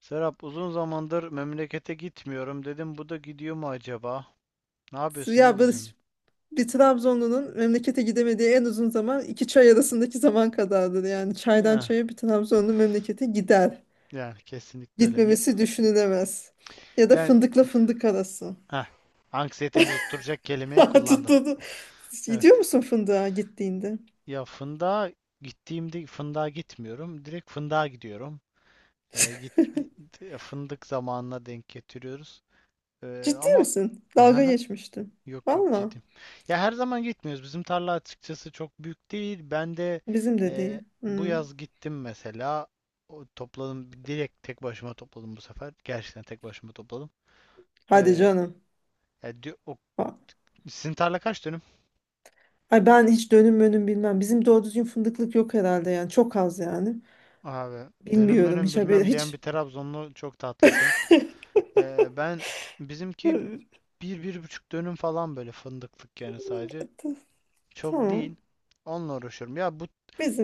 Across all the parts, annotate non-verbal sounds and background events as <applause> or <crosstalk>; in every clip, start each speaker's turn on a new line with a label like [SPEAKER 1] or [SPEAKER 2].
[SPEAKER 1] Serap, uzun zamandır memlekete gitmiyorum. Dedim bu da gidiyor mu acaba? Ne yapıyorsun? Ne
[SPEAKER 2] Ya
[SPEAKER 1] diyorsun?
[SPEAKER 2] Barış bir Trabzonlu'nun memlekete gidemediği en uzun zaman iki çay arasındaki zaman kadardır. Yani çaydan
[SPEAKER 1] Ya,
[SPEAKER 2] çaya bir Trabzonlu memlekete gider.
[SPEAKER 1] yani kesinlikle öyle. Ya,
[SPEAKER 2] Gitmemesi düşünülemez. Ya da
[SPEAKER 1] yani,
[SPEAKER 2] fındıkla fındık arası.
[SPEAKER 1] heh, anksiyetemi tutturacak kelimeyi
[SPEAKER 2] <laughs>
[SPEAKER 1] kullandın.
[SPEAKER 2] Tuttuğunu. Gidiyor
[SPEAKER 1] Evet.
[SPEAKER 2] musun fındığa gittiğinde?
[SPEAKER 1] Ya fındığa gittiğimde fındığa gitmiyorum. Direkt fındığa gidiyorum. Ee, git,
[SPEAKER 2] <laughs>
[SPEAKER 1] Fındık zamanına denk getiriyoruz.
[SPEAKER 2] Ciddi
[SPEAKER 1] Ama.
[SPEAKER 2] misin? Dalga
[SPEAKER 1] <laughs>
[SPEAKER 2] geçmiştim.
[SPEAKER 1] Yok yok,
[SPEAKER 2] Valla.
[SPEAKER 1] ciddiyim. Ya her zaman gitmiyoruz. Bizim tarla açıkçası çok büyük değil. Ben de
[SPEAKER 2] Bizim de değil.
[SPEAKER 1] bu
[SPEAKER 2] Hmm.
[SPEAKER 1] yaz gittim mesela. O, topladım. Direkt tek başıma topladım bu sefer. Gerçekten tek başıma topladım.
[SPEAKER 2] Hadi
[SPEAKER 1] E,
[SPEAKER 2] canım.
[SPEAKER 1] ya diyor- o-
[SPEAKER 2] Ha-
[SPEAKER 1] Sizin tarla kaç dönüm?
[SPEAKER 2] Ay, ben hiç dönüm önüm bilmem. Bizim doğru düzgün fındıklık yok herhalde yani. Çok az yani.
[SPEAKER 1] Abi, dönüm
[SPEAKER 2] Bilmiyorum,
[SPEAKER 1] dönüm
[SPEAKER 2] hiç haberi
[SPEAKER 1] bilmem diyen bir
[SPEAKER 2] hiç.
[SPEAKER 1] Trabzonlu, çok tatlısın. E, ben Bizimki
[SPEAKER 2] <laughs>
[SPEAKER 1] bir, bir buçuk dönüm falan, böyle fındıklık yani, sadece.
[SPEAKER 2] T-
[SPEAKER 1] Çok
[SPEAKER 2] Tamam.
[SPEAKER 1] değil. Onunla uğraşıyorum.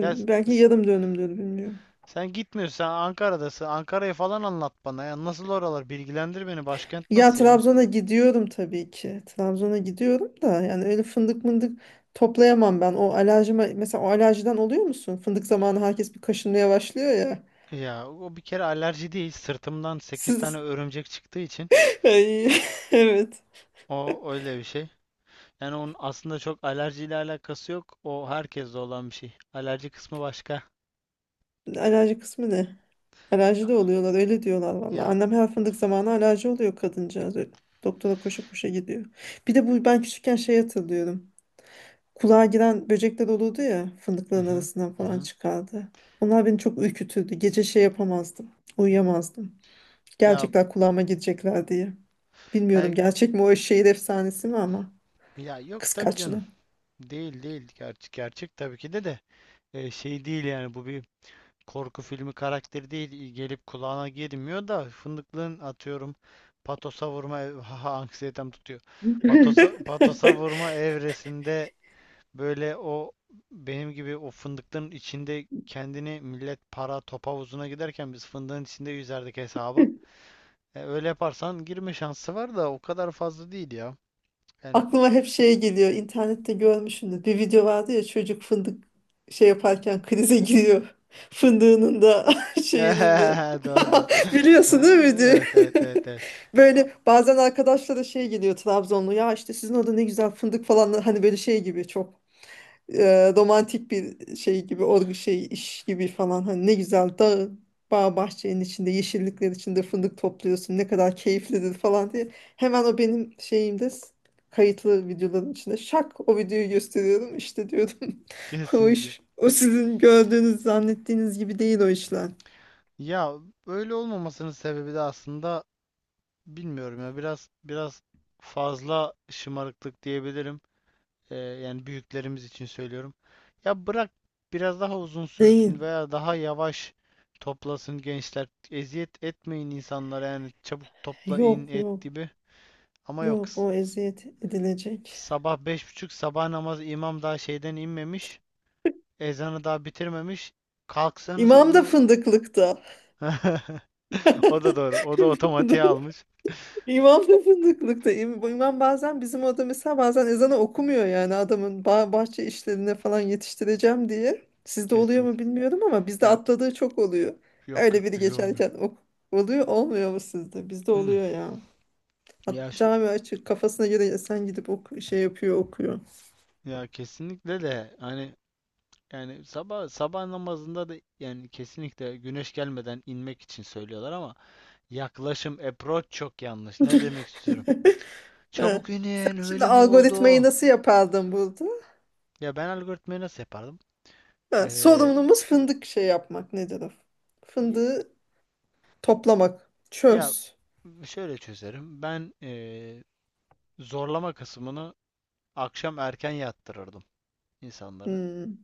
[SPEAKER 1] ya
[SPEAKER 2] belki
[SPEAKER 1] s-
[SPEAKER 2] yarım dönümdür, bilmiyorum.
[SPEAKER 1] Sen gitmiyorsun, sen Ankara'dasın. Ankara'yı falan anlat bana ya. Nasıl oralar? Bilgilendir beni. Başkent
[SPEAKER 2] Ya
[SPEAKER 1] nasıl ya?
[SPEAKER 2] Trabzon'a gidiyorum tabii ki. Trabzon'a gidiyorum da yani öyle fındık mındık toplayamam ben. O alerjime mesela, o alerjiden oluyor musun? Fındık zamanı herkes bir kaşınmaya başlıyor ya.
[SPEAKER 1] Ya, o bir kere alerji değil. Sırtımdan sekiz tane
[SPEAKER 2] Siz
[SPEAKER 1] örümcek çıktığı için,
[SPEAKER 2] <laughs> Ay, <laughs> evet.
[SPEAKER 1] o öyle bir şey. Yani onun aslında çok alerjiyle alakası yok. O herkeste olan bir şey. Alerji kısmı başka.
[SPEAKER 2] Alerji kısmı ne? Alerji de oluyorlar, öyle diyorlar valla.
[SPEAKER 1] Ya,
[SPEAKER 2] Annem her fındık zamanı alerji oluyor kadıncağız. Öyle doktora koşa koşa gidiyor. Bir de bu, ben küçükken şey hatırlıyorum. Kulağa giren böcekler olurdu ya,
[SPEAKER 1] hı
[SPEAKER 2] fındıkların
[SPEAKER 1] hı,
[SPEAKER 2] arasından
[SPEAKER 1] hı
[SPEAKER 2] falan
[SPEAKER 1] hı.
[SPEAKER 2] çıkardı. Onlar beni çok ürkütürdü. Gece şey yapamazdım. Uyuyamazdım.
[SPEAKER 1] Ya
[SPEAKER 2] Gerçekten kulağıma girecekler diye. Bilmiyorum
[SPEAKER 1] he-
[SPEAKER 2] gerçek mi, o şehir efsanesi mi ama
[SPEAKER 1] ya yok, tabii canım.
[SPEAKER 2] kıskaçlı.
[SPEAKER 1] Değil değil. Gerçek, gerçek tabii ki de de. Şey değil yani, bu bir korku filmi karakteri değil, gelip kulağına girmiyor da fındıklığın, atıyorum, patosa vurma <laughs> haha, anksiyetem tutuyor. Patosa patosa vurma evresinde, böyle o benim gibi o fındıklığın içinde kendini, millet para top havuzuna giderken biz fındığın içinde yüzerdik hesaba. Öyle yaparsan girme şansı var da o kadar fazla değil ya. Yani
[SPEAKER 2] Aklıma hep şey geliyor. İnternette görmüşsündür. Bir video vardı ya, çocuk fındık şey yaparken krize giriyor. <laughs> Fındığının da <laughs>
[SPEAKER 1] <laughs>
[SPEAKER 2] şeyinin de.
[SPEAKER 1] doğru. <laughs>
[SPEAKER 2] <laughs>
[SPEAKER 1] Doğru.
[SPEAKER 2] Biliyorsun değil mi diye.
[SPEAKER 1] Evet, evet, evet, evet.
[SPEAKER 2] <laughs>
[SPEAKER 1] A-
[SPEAKER 2] Böyle bazen arkadaşlara şey geliyor, Trabzonlu. Ya işte sizin orada ne güzel fındık falan. Hani böyle şey gibi, çok romantik bir şey gibi, şey iş gibi falan, hani ne güzel dağ bağ bahçenin içinde, yeşillikler içinde fındık topluyorsun, ne kadar keyiflidir falan diye hemen o benim şeyimde kayıtlı videoların içinde şak o videoyu gösteriyorum, işte diyordum, <laughs> o
[SPEAKER 1] Kesinlikle.
[SPEAKER 2] iş, o sizin gördüğünüz zannettiğiniz gibi değil o işler,
[SPEAKER 1] Ya, öyle olmamasının sebebi de aslında, bilmiyorum ya, biraz fazla şımarıklık diyebilirim. Yani büyüklerimiz için söylüyorum. Ya, bırak biraz daha uzun
[SPEAKER 2] değil.
[SPEAKER 1] sürsün veya daha yavaş toplasın gençler. Eziyet etmeyin insanlara yani, çabuk toplayın
[SPEAKER 2] Yok,
[SPEAKER 1] et
[SPEAKER 2] yok,
[SPEAKER 1] gibi. Ama yok.
[SPEAKER 2] yok, o eziyet edilecek.
[SPEAKER 1] Sabah 5:30, sabah namazı, imam daha şeyden inmemiş. Ezanı daha bitirmemiş. Kalksanıza.
[SPEAKER 2] İmam da fındıklıkta.
[SPEAKER 1] <laughs> O da doğru. O da otomatiğe
[SPEAKER 2] <laughs>
[SPEAKER 1] almış.
[SPEAKER 2] İmam da fındıklıkta. İmam bazen bizim orada mesela bazen ezanı okumuyor, yani adamın bahçe işlerine falan yetiştireceğim diye. Sizde oluyor
[SPEAKER 1] Kesin.
[SPEAKER 2] mu bilmiyorum ama bizde
[SPEAKER 1] Ya
[SPEAKER 2] atladığı çok oluyor.
[SPEAKER 1] yok
[SPEAKER 2] Öyle
[SPEAKER 1] yok,
[SPEAKER 2] biri
[SPEAKER 1] bize olmuyor.
[SPEAKER 2] geçerken oluyor, olmuyor mu sizde? Bizde
[SPEAKER 1] Mm.
[SPEAKER 2] oluyor ya. Hat
[SPEAKER 1] Ya şu,
[SPEAKER 2] cami açık, kafasına göre sen gidip şey yapıyor, okuyor.
[SPEAKER 1] ya kesinlikle de hani, yani sabah sabah namazında da yani, kesinlikle güneş gelmeden inmek için söylüyorlar ama yaklaşım, approach, çok yanlış. Ne demek istiyorum?
[SPEAKER 2] <laughs> Ha.
[SPEAKER 1] Çabuk
[SPEAKER 2] Sen
[SPEAKER 1] inin
[SPEAKER 2] şimdi
[SPEAKER 1] öyle mi
[SPEAKER 2] algoritmayı
[SPEAKER 1] oldu?
[SPEAKER 2] nasıl yapardın burada?
[SPEAKER 1] Ya, ben algoritmayı nasıl yapardım?
[SPEAKER 2] Ha,
[SPEAKER 1] Ee,
[SPEAKER 2] sorumlumuz fındık şey yapmak, nedir o?
[SPEAKER 1] y-
[SPEAKER 2] Fındığı toplamak.
[SPEAKER 1] ya
[SPEAKER 2] Çöz.
[SPEAKER 1] şöyle çözerim. Ben, zorlama kısmını akşam erken yattırırdım insanları.
[SPEAKER 2] Hmm.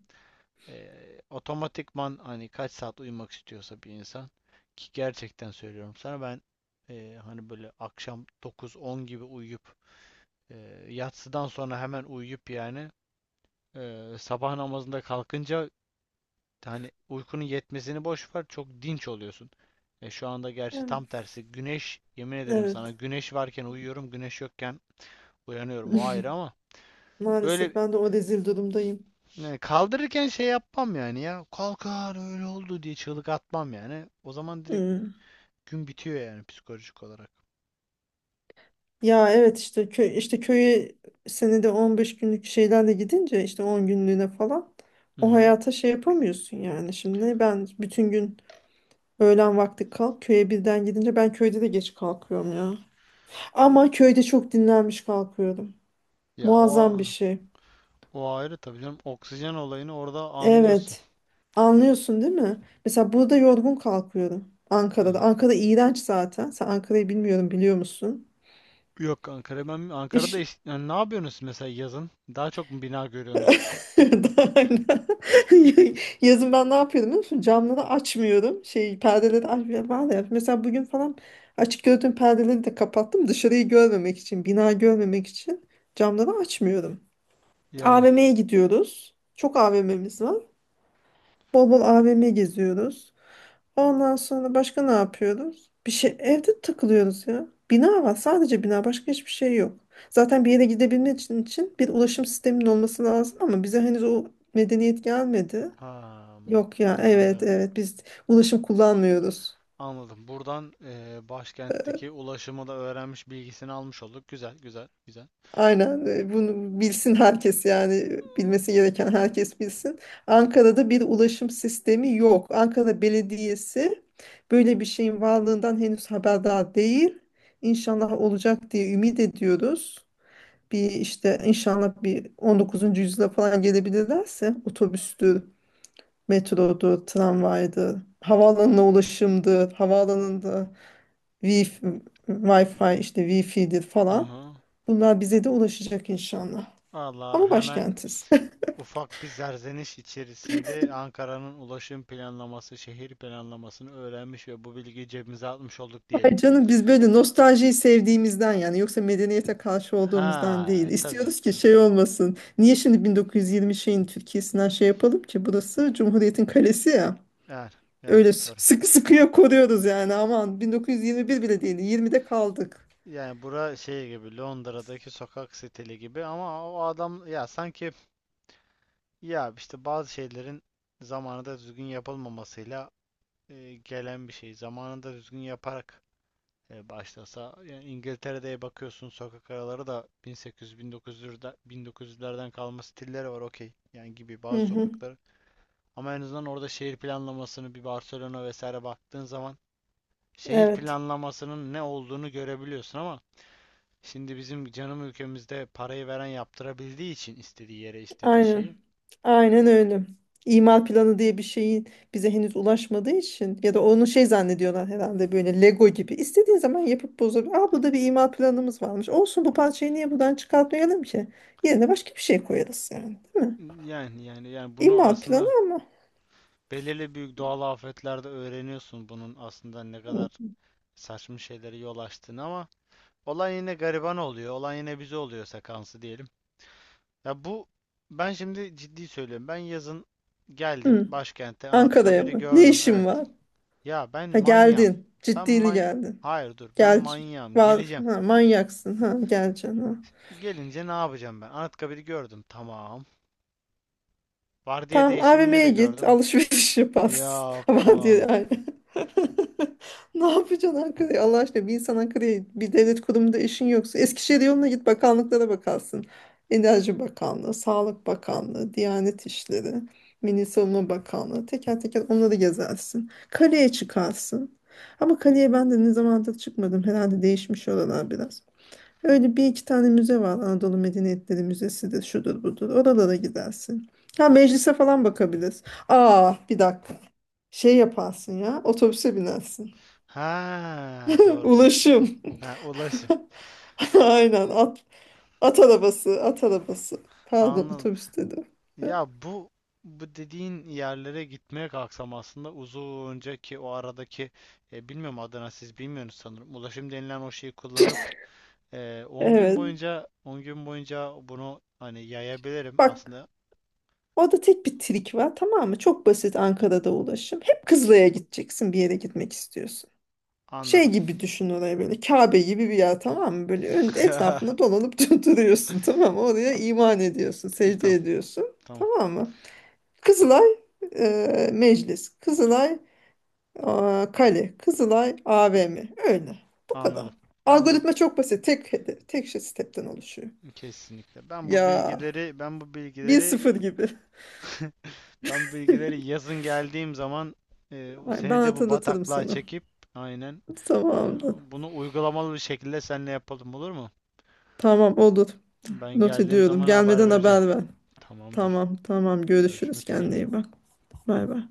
[SPEAKER 1] Otomatikman, hani kaç saat uyumak istiyorsa bir insan, ki gerçekten söylüyorum sana ben, hani böyle akşam dokuz on gibi uyuyup, eee, yatsıdan sonra hemen uyuyup yani, sabah namazında kalkınca, hani uykunun yetmesini boş ver, çok dinç oluyorsun. Şu anda gerçi
[SPEAKER 2] Evet,
[SPEAKER 1] tam tersi, güneş, yemin ederim
[SPEAKER 2] evet.
[SPEAKER 1] sana, güneş varken uyuyorum, güneş yokken uyanıyorum, o ayrı
[SPEAKER 2] <laughs>
[SPEAKER 1] ama,
[SPEAKER 2] Maalesef
[SPEAKER 1] öyle.
[SPEAKER 2] ben de o rezil durumdayım.
[SPEAKER 1] Yani kaldırırken şey yapmam yani ya. Kalkar öyle oldu diye çığlık atmam yani. O zaman direkt
[SPEAKER 2] Hmm.
[SPEAKER 1] gün bitiyor yani, psikolojik olarak.
[SPEAKER 2] Ya evet, işte köy, işte köye senede 15 günlük şeylerle gidince, işte 10 günlüğüne falan,
[SPEAKER 1] Hı
[SPEAKER 2] o
[SPEAKER 1] hı.
[SPEAKER 2] hayata şey yapamıyorsun yani. Şimdi ben bütün gün öğlen vakti kalk, köye birden gidince ben köyde de geç kalkıyorum ya. Ama köyde çok dinlenmiş kalkıyorum.
[SPEAKER 1] Ya,
[SPEAKER 2] Muazzam bir
[SPEAKER 1] o
[SPEAKER 2] şey.
[SPEAKER 1] o ayrı tabii canım. Oksijen olayını orada anlıyorsun.
[SPEAKER 2] Evet. Anlıyorsun değil mi? Mesela burada yorgun kalkıyorum. Ankara'da.
[SPEAKER 1] Aha.
[SPEAKER 2] Ankara iğrenç zaten. Sen Ankara'yı bilmiyorum biliyor musun?
[SPEAKER 1] Yok, Ankara, ben Ankara'da
[SPEAKER 2] İş
[SPEAKER 1] yani, ne yapıyorsunuz mesela yazın? Daha çok mu bina görüyorsunuz?
[SPEAKER 2] <laughs> daha hala. <laughs> Yazın ben ne yapıyordum biliyor musun? Camları açmıyorum. Şey, perdeleri açmıyorum. Ben de mesela bugün falan açık gördüğüm perdeleri de kapattım. Dışarıyı görmemek için, bina görmemek için camları açmıyorum.
[SPEAKER 1] Yani
[SPEAKER 2] AVM'ye gidiyoruz. Çok AVM'miz var. Bol bol AVM geziyoruz. Ondan sonra başka ne yapıyoruz? Bir şey, evde takılıyoruz ya. Bina var, sadece bina, başka hiçbir şey yok. Zaten bir yere gidebilmek için bir ulaşım sisteminin olması lazım ama bize henüz o medeniyet gelmedi.
[SPEAKER 1] ha,
[SPEAKER 2] Yok ya, evet
[SPEAKER 1] anladım.
[SPEAKER 2] evet, biz ulaşım kullanmıyoruz.
[SPEAKER 1] Anladım. Buradan, başkentteki ulaşımı da öğrenmiş, bilgisini almış olduk. Güzel, güzel, güzel.
[SPEAKER 2] Aynen, bunu bilsin herkes yani, bilmesi gereken herkes bilsin. Ankara'da bir ulaşım sistemi yok. Ankara Belediyesi böyle bir şeyin varlığından henüz haberdar değil. İnşallah olacak diye ümit ediyoruz. Bir işte inşallah bir 19'uncu yüzyıla falan gelebilirlerse, otobüstür, metrodur, tramvaydır, havaalanına ulaşımdır, havaalanında wi Wi-Fi, işte Wi-Fi'dir falan.
[SPEAKER 1] Aha.
[SPEAKER 2] Bunlar bize de ulaşacak inşallah.
[SPEAKER 1] Valla
[SPEAKER 2] Ama
[SPEAKER 1] hemen.
[SPEAKER 2] başkentiz. <laughs>
[SPEAKER 1] Ufak bir zerzeniş içerisinde Ankara'nın ulaşım planlaması, şehir planlamasını öğrenmiş ve bu bilgiyi cebimize atmış olduk
[SPEAKER 2] Ay
[SPEAKER 1] diyelim.
[SPEAKER 2] canım, biz böyle nostaljiyi sevdiğimizden yani, yoksa medeniyete karşı olduğumuzdan değil.
[SPEAKER 1] Ha, tabii canım,
[SPEAKER 2] İstiyoruz ki
[SPEAKER 1] tabii.
[SPEAKER 2] şey olmasın. Niye şimdi 1920 şeyin Türkiye'sinden şey yapalım ki? Burası Cumhuriyet'in kalesi ya.
[SPEAKER 1] Yani, yani,
[SPEAKER 2] Öyle
[SPEAKER 1] doğru.
[SPEAKER 2] sıkı sıkıya koruyoruz yani. Aman 1921 bile değil. 20'de kaldık.
[SPEAKER 1] Yani bura şey gibi, Londra'daki sokak stili gibi, ama o adam, ya sanki, ya işte bazı şeylerin zamanında düzgün yapılmamasıyla gelen bir şey. Zamanında düzgün yaparak başlasa. Yani İngiltere'de bakıyorsun, sokak araları da 1800-1900'lerden 1900'lerden kalma stilleri var, okey. Yani gibi
[SPEAKER 2] Hı
[SPEAKER 1] bazı
[SPEAKER 2] hı.
[SPEAKER 1] sokakları. Ama en azından orada şehir planlamasını, bir Barcelona vesaire baktığın zaman şehir
[SPEAKER 2] Evet.
[SPEAKER 1] planlamasının ne olduğunu görebiliyorsun, ama şimdi bizim canım ülkemizde parayı veren yaptırabildiği için istediği yere istediği
[SPEAKER 2] Aynen.
[SPEAKER 1] şeyi.
[SPEAKER 2] Aynen öyle. İmal planı diye bir şeyin bize henüz ulaşmadığı için, ya da onu şey zannediyorlar herhalde, böyle Lego gibi. İstediğin zaman yapıp bozabilir. Aa, burada bir imal planımız varmış. Olsun, bu parçayı niye buradan çıkartmayalım ki? Yerine başka bir şey koyarız yani. Değil mi?
[SPEAKER 1] Yani bunu
[SPEAKER 2] İmal planı
[SPEAKER 1] aslında
[SPEAKER 2] ama.
[SPEAKER 1] belirli büyük doğal afetlerde öğreniyorsun, bunun aslında ne kadar
[SPEAKER 2] Hı.
[SPEAKER 1] saçma şeylere yol açtığını, ama. Olan yine gariban oluyor. Olan yine bize oluyor sekansı diyelim. Ya ben şimdi ciddi söylüyorum. Ben yazın geldim
[SPEAKER 2] Hı.
[SPEAKER 1] başkente,
[SPEAKER 2] Ankara'ya
[SPEAKER 1] Anıtkabir'i
[SPEAKER 2] mı? Ne
[SPEAKER 1] gördüm.
[SPEAKER 2] işin
[SPEAKER 1] Evet.
[SPEAKER 2] var?
[SPEAKER 1] Ya, ben
[SPEAKER 2] Ha,
[SPEAKER 1] manyağım.
[SPEAKER 2] geldin.
[SPEAKER 1] Ben
[SPEAKER 2] Ciddili
[SPEAKER 1] man
[SPEAKER 2] geldin.
[SPEAKER 1] Hayır, dur. Ben
[SPEAKER 2] Gel.
[SPEAKER 1] manyağım.
[SPEAKER 2] Var.
[SPEAKER 1] Geleceğim.
[SPEAKER 2] Ha, manyaksın. Ha, geleceksin. Ha.
[SPEAKER 1] Gelince ne yapacağım ben? Anıtkabir'i gördüm. Tamam. Vardiya
[SPEAKER 2] Tamam,
[SPEAKER 1] değişimini
[SPEAKER 2] AVM'ye
[SPEAKER 1] de
[SPEAKER 2] git,
[SPEAKER 1] gördüm.
[SPEAKER 2] alışveriş yaparsın. <laughs> Ama diyor
[SPEAKER 1] Yapma.
[SPEAKER 2] yani. <laughs> Ne yapacaksın Ankara'ya? Allah aşkına, bir insan Ankara'ya bir devlet kurumunda işin yoksa, Eskişehir yoluna git bakanlıklara bakarsın. Enerji Bakanlığı, Sağlık Bakanlığı, Diyanet İşleri, Milli Savunma Bakanlığı, teker teker onları gezersin. Kaleye çıkarsın. Ama kaleye ben de ne zamandır çıkmadım. Herhalde değişmiş oralar biraz. Öyle bir iki tane müze var. Anadolu Medeniyetleri Müzesi'dir, şudur budur. Oralara gidersin. Ha, meclise falan bakabiliriz. Aa, bir dakika. Şey yaparsın ya. Otobüse binersin.
[SPEAKER 1] Ha,
[SPEAKER 2] <laughs>
[SPEAKER 1] doğru diyorsun. Tamam.
[SPEAKER 2] Ulaşım.
[SPEAKER 1] Ha, ulaşım.
[SPEAKER 2] <laughs>
[SPEAKER 1] O,
[SPEAKER 2] Aynen, at, at arabası, at arabası. Pardon,
[SPEAKER 1] anladım.
[SPEAKER 2] otobüs dedim.
[SPEAKER 1] Ya, bu dediğin yerlere gitmeye kalksam aslında uzunca, ki o aradaki, bilmiyorum, Adana, siz bilmiyorsunuz sanırım. Ulaşım denilen o şeyi kullanıp 10 gün
[SPEAKER 2] Evet.
[SPEAKER 1] boyunca, 10 gün boyunca bunu hani yayabilirim
[SPEAKER 2] Bak,
[SPEAKER 1] aslında.
[SPEAKER 2] orada tek bir trik var, tamam mı? Çok basit Ankara'da ulaşım. Hep Kızılay'a gideceksin, bir yere gitmek istiyorsun. Şey
[SPEAKER 1] Anladım.
[SPEAKER 2] gibi düşün orayı, böyle Kabe gibi bir yer, tamam mı? Böyle ön,
[SPEAKER 1] <laughs>
[SPEAKER 2] etrafında dolanıp <laughs> duruyorsun, tamam mı? Oraya iman ediyorsun, secde
[SPEAKER 1] Tamam,
[SPEAKER 2] ediyorsun,
[SPEAKER 1] tamam.
[SPEAKER 2] tamam mı? Kızılay e, meclis, Kızılay e, kale, Kızılay AVM, öyle. Bu
[SPEAKER 1] Anladım.
[SPEAKER 2] kadar.
[SPEAKER 1] Ben bu
[SPEAKER 2] Algoritma çok basit. Tek hedef, tek şey stepten oluşuyor.
[SPEAKER 1] Kesinlikle. Ben bu
[SPEAKER 2] Ya
[SPEAKER 1] bilgileri ben bu
[SPEAKER 2] 1-0
[SPEAKER 1] bilgileri
[SPEAKER 2] gibi.
[SPEAKER 1] <laughs> Ben bu bilgileri yazın geldiğim zaman,
[SPEAKER 2] Ay, ben
[SPEAKER 1] seni de bu
[SPEAKER 2] hatırlatırım
[SPEAKER 1] bataklığa
[SPEAKER 2] sana.
[SPEAKER 1] çekip, aynen. Ee,
[SPEAKER 2] Tamamdır.
[SPEAKER 1] Bunu uygulamalı bir şekilde seninle yapalım, olur mu?
[SPEAKER 2] Tamam, olur.
[SPEAKER 1] Ben
[SPEAKER 2] Not
[SPEAKER 1] geldiğim
[SPEAKER 2] ediyorum.
[SPEAKER 1] zaman haber
[SPEAKER 2] Gelmeden
[SPEAKER 1] vereceğim.
[SPEAKER 2] haber ver.
[SPEAKER 1] Tamamdır.
[SPEAKER 2] Tamam tamam, görüşürüz.
[SPEAKER 1] Görüşmek üzere.
[SPEAKER 2] Kendine iyi bak. Bay bay.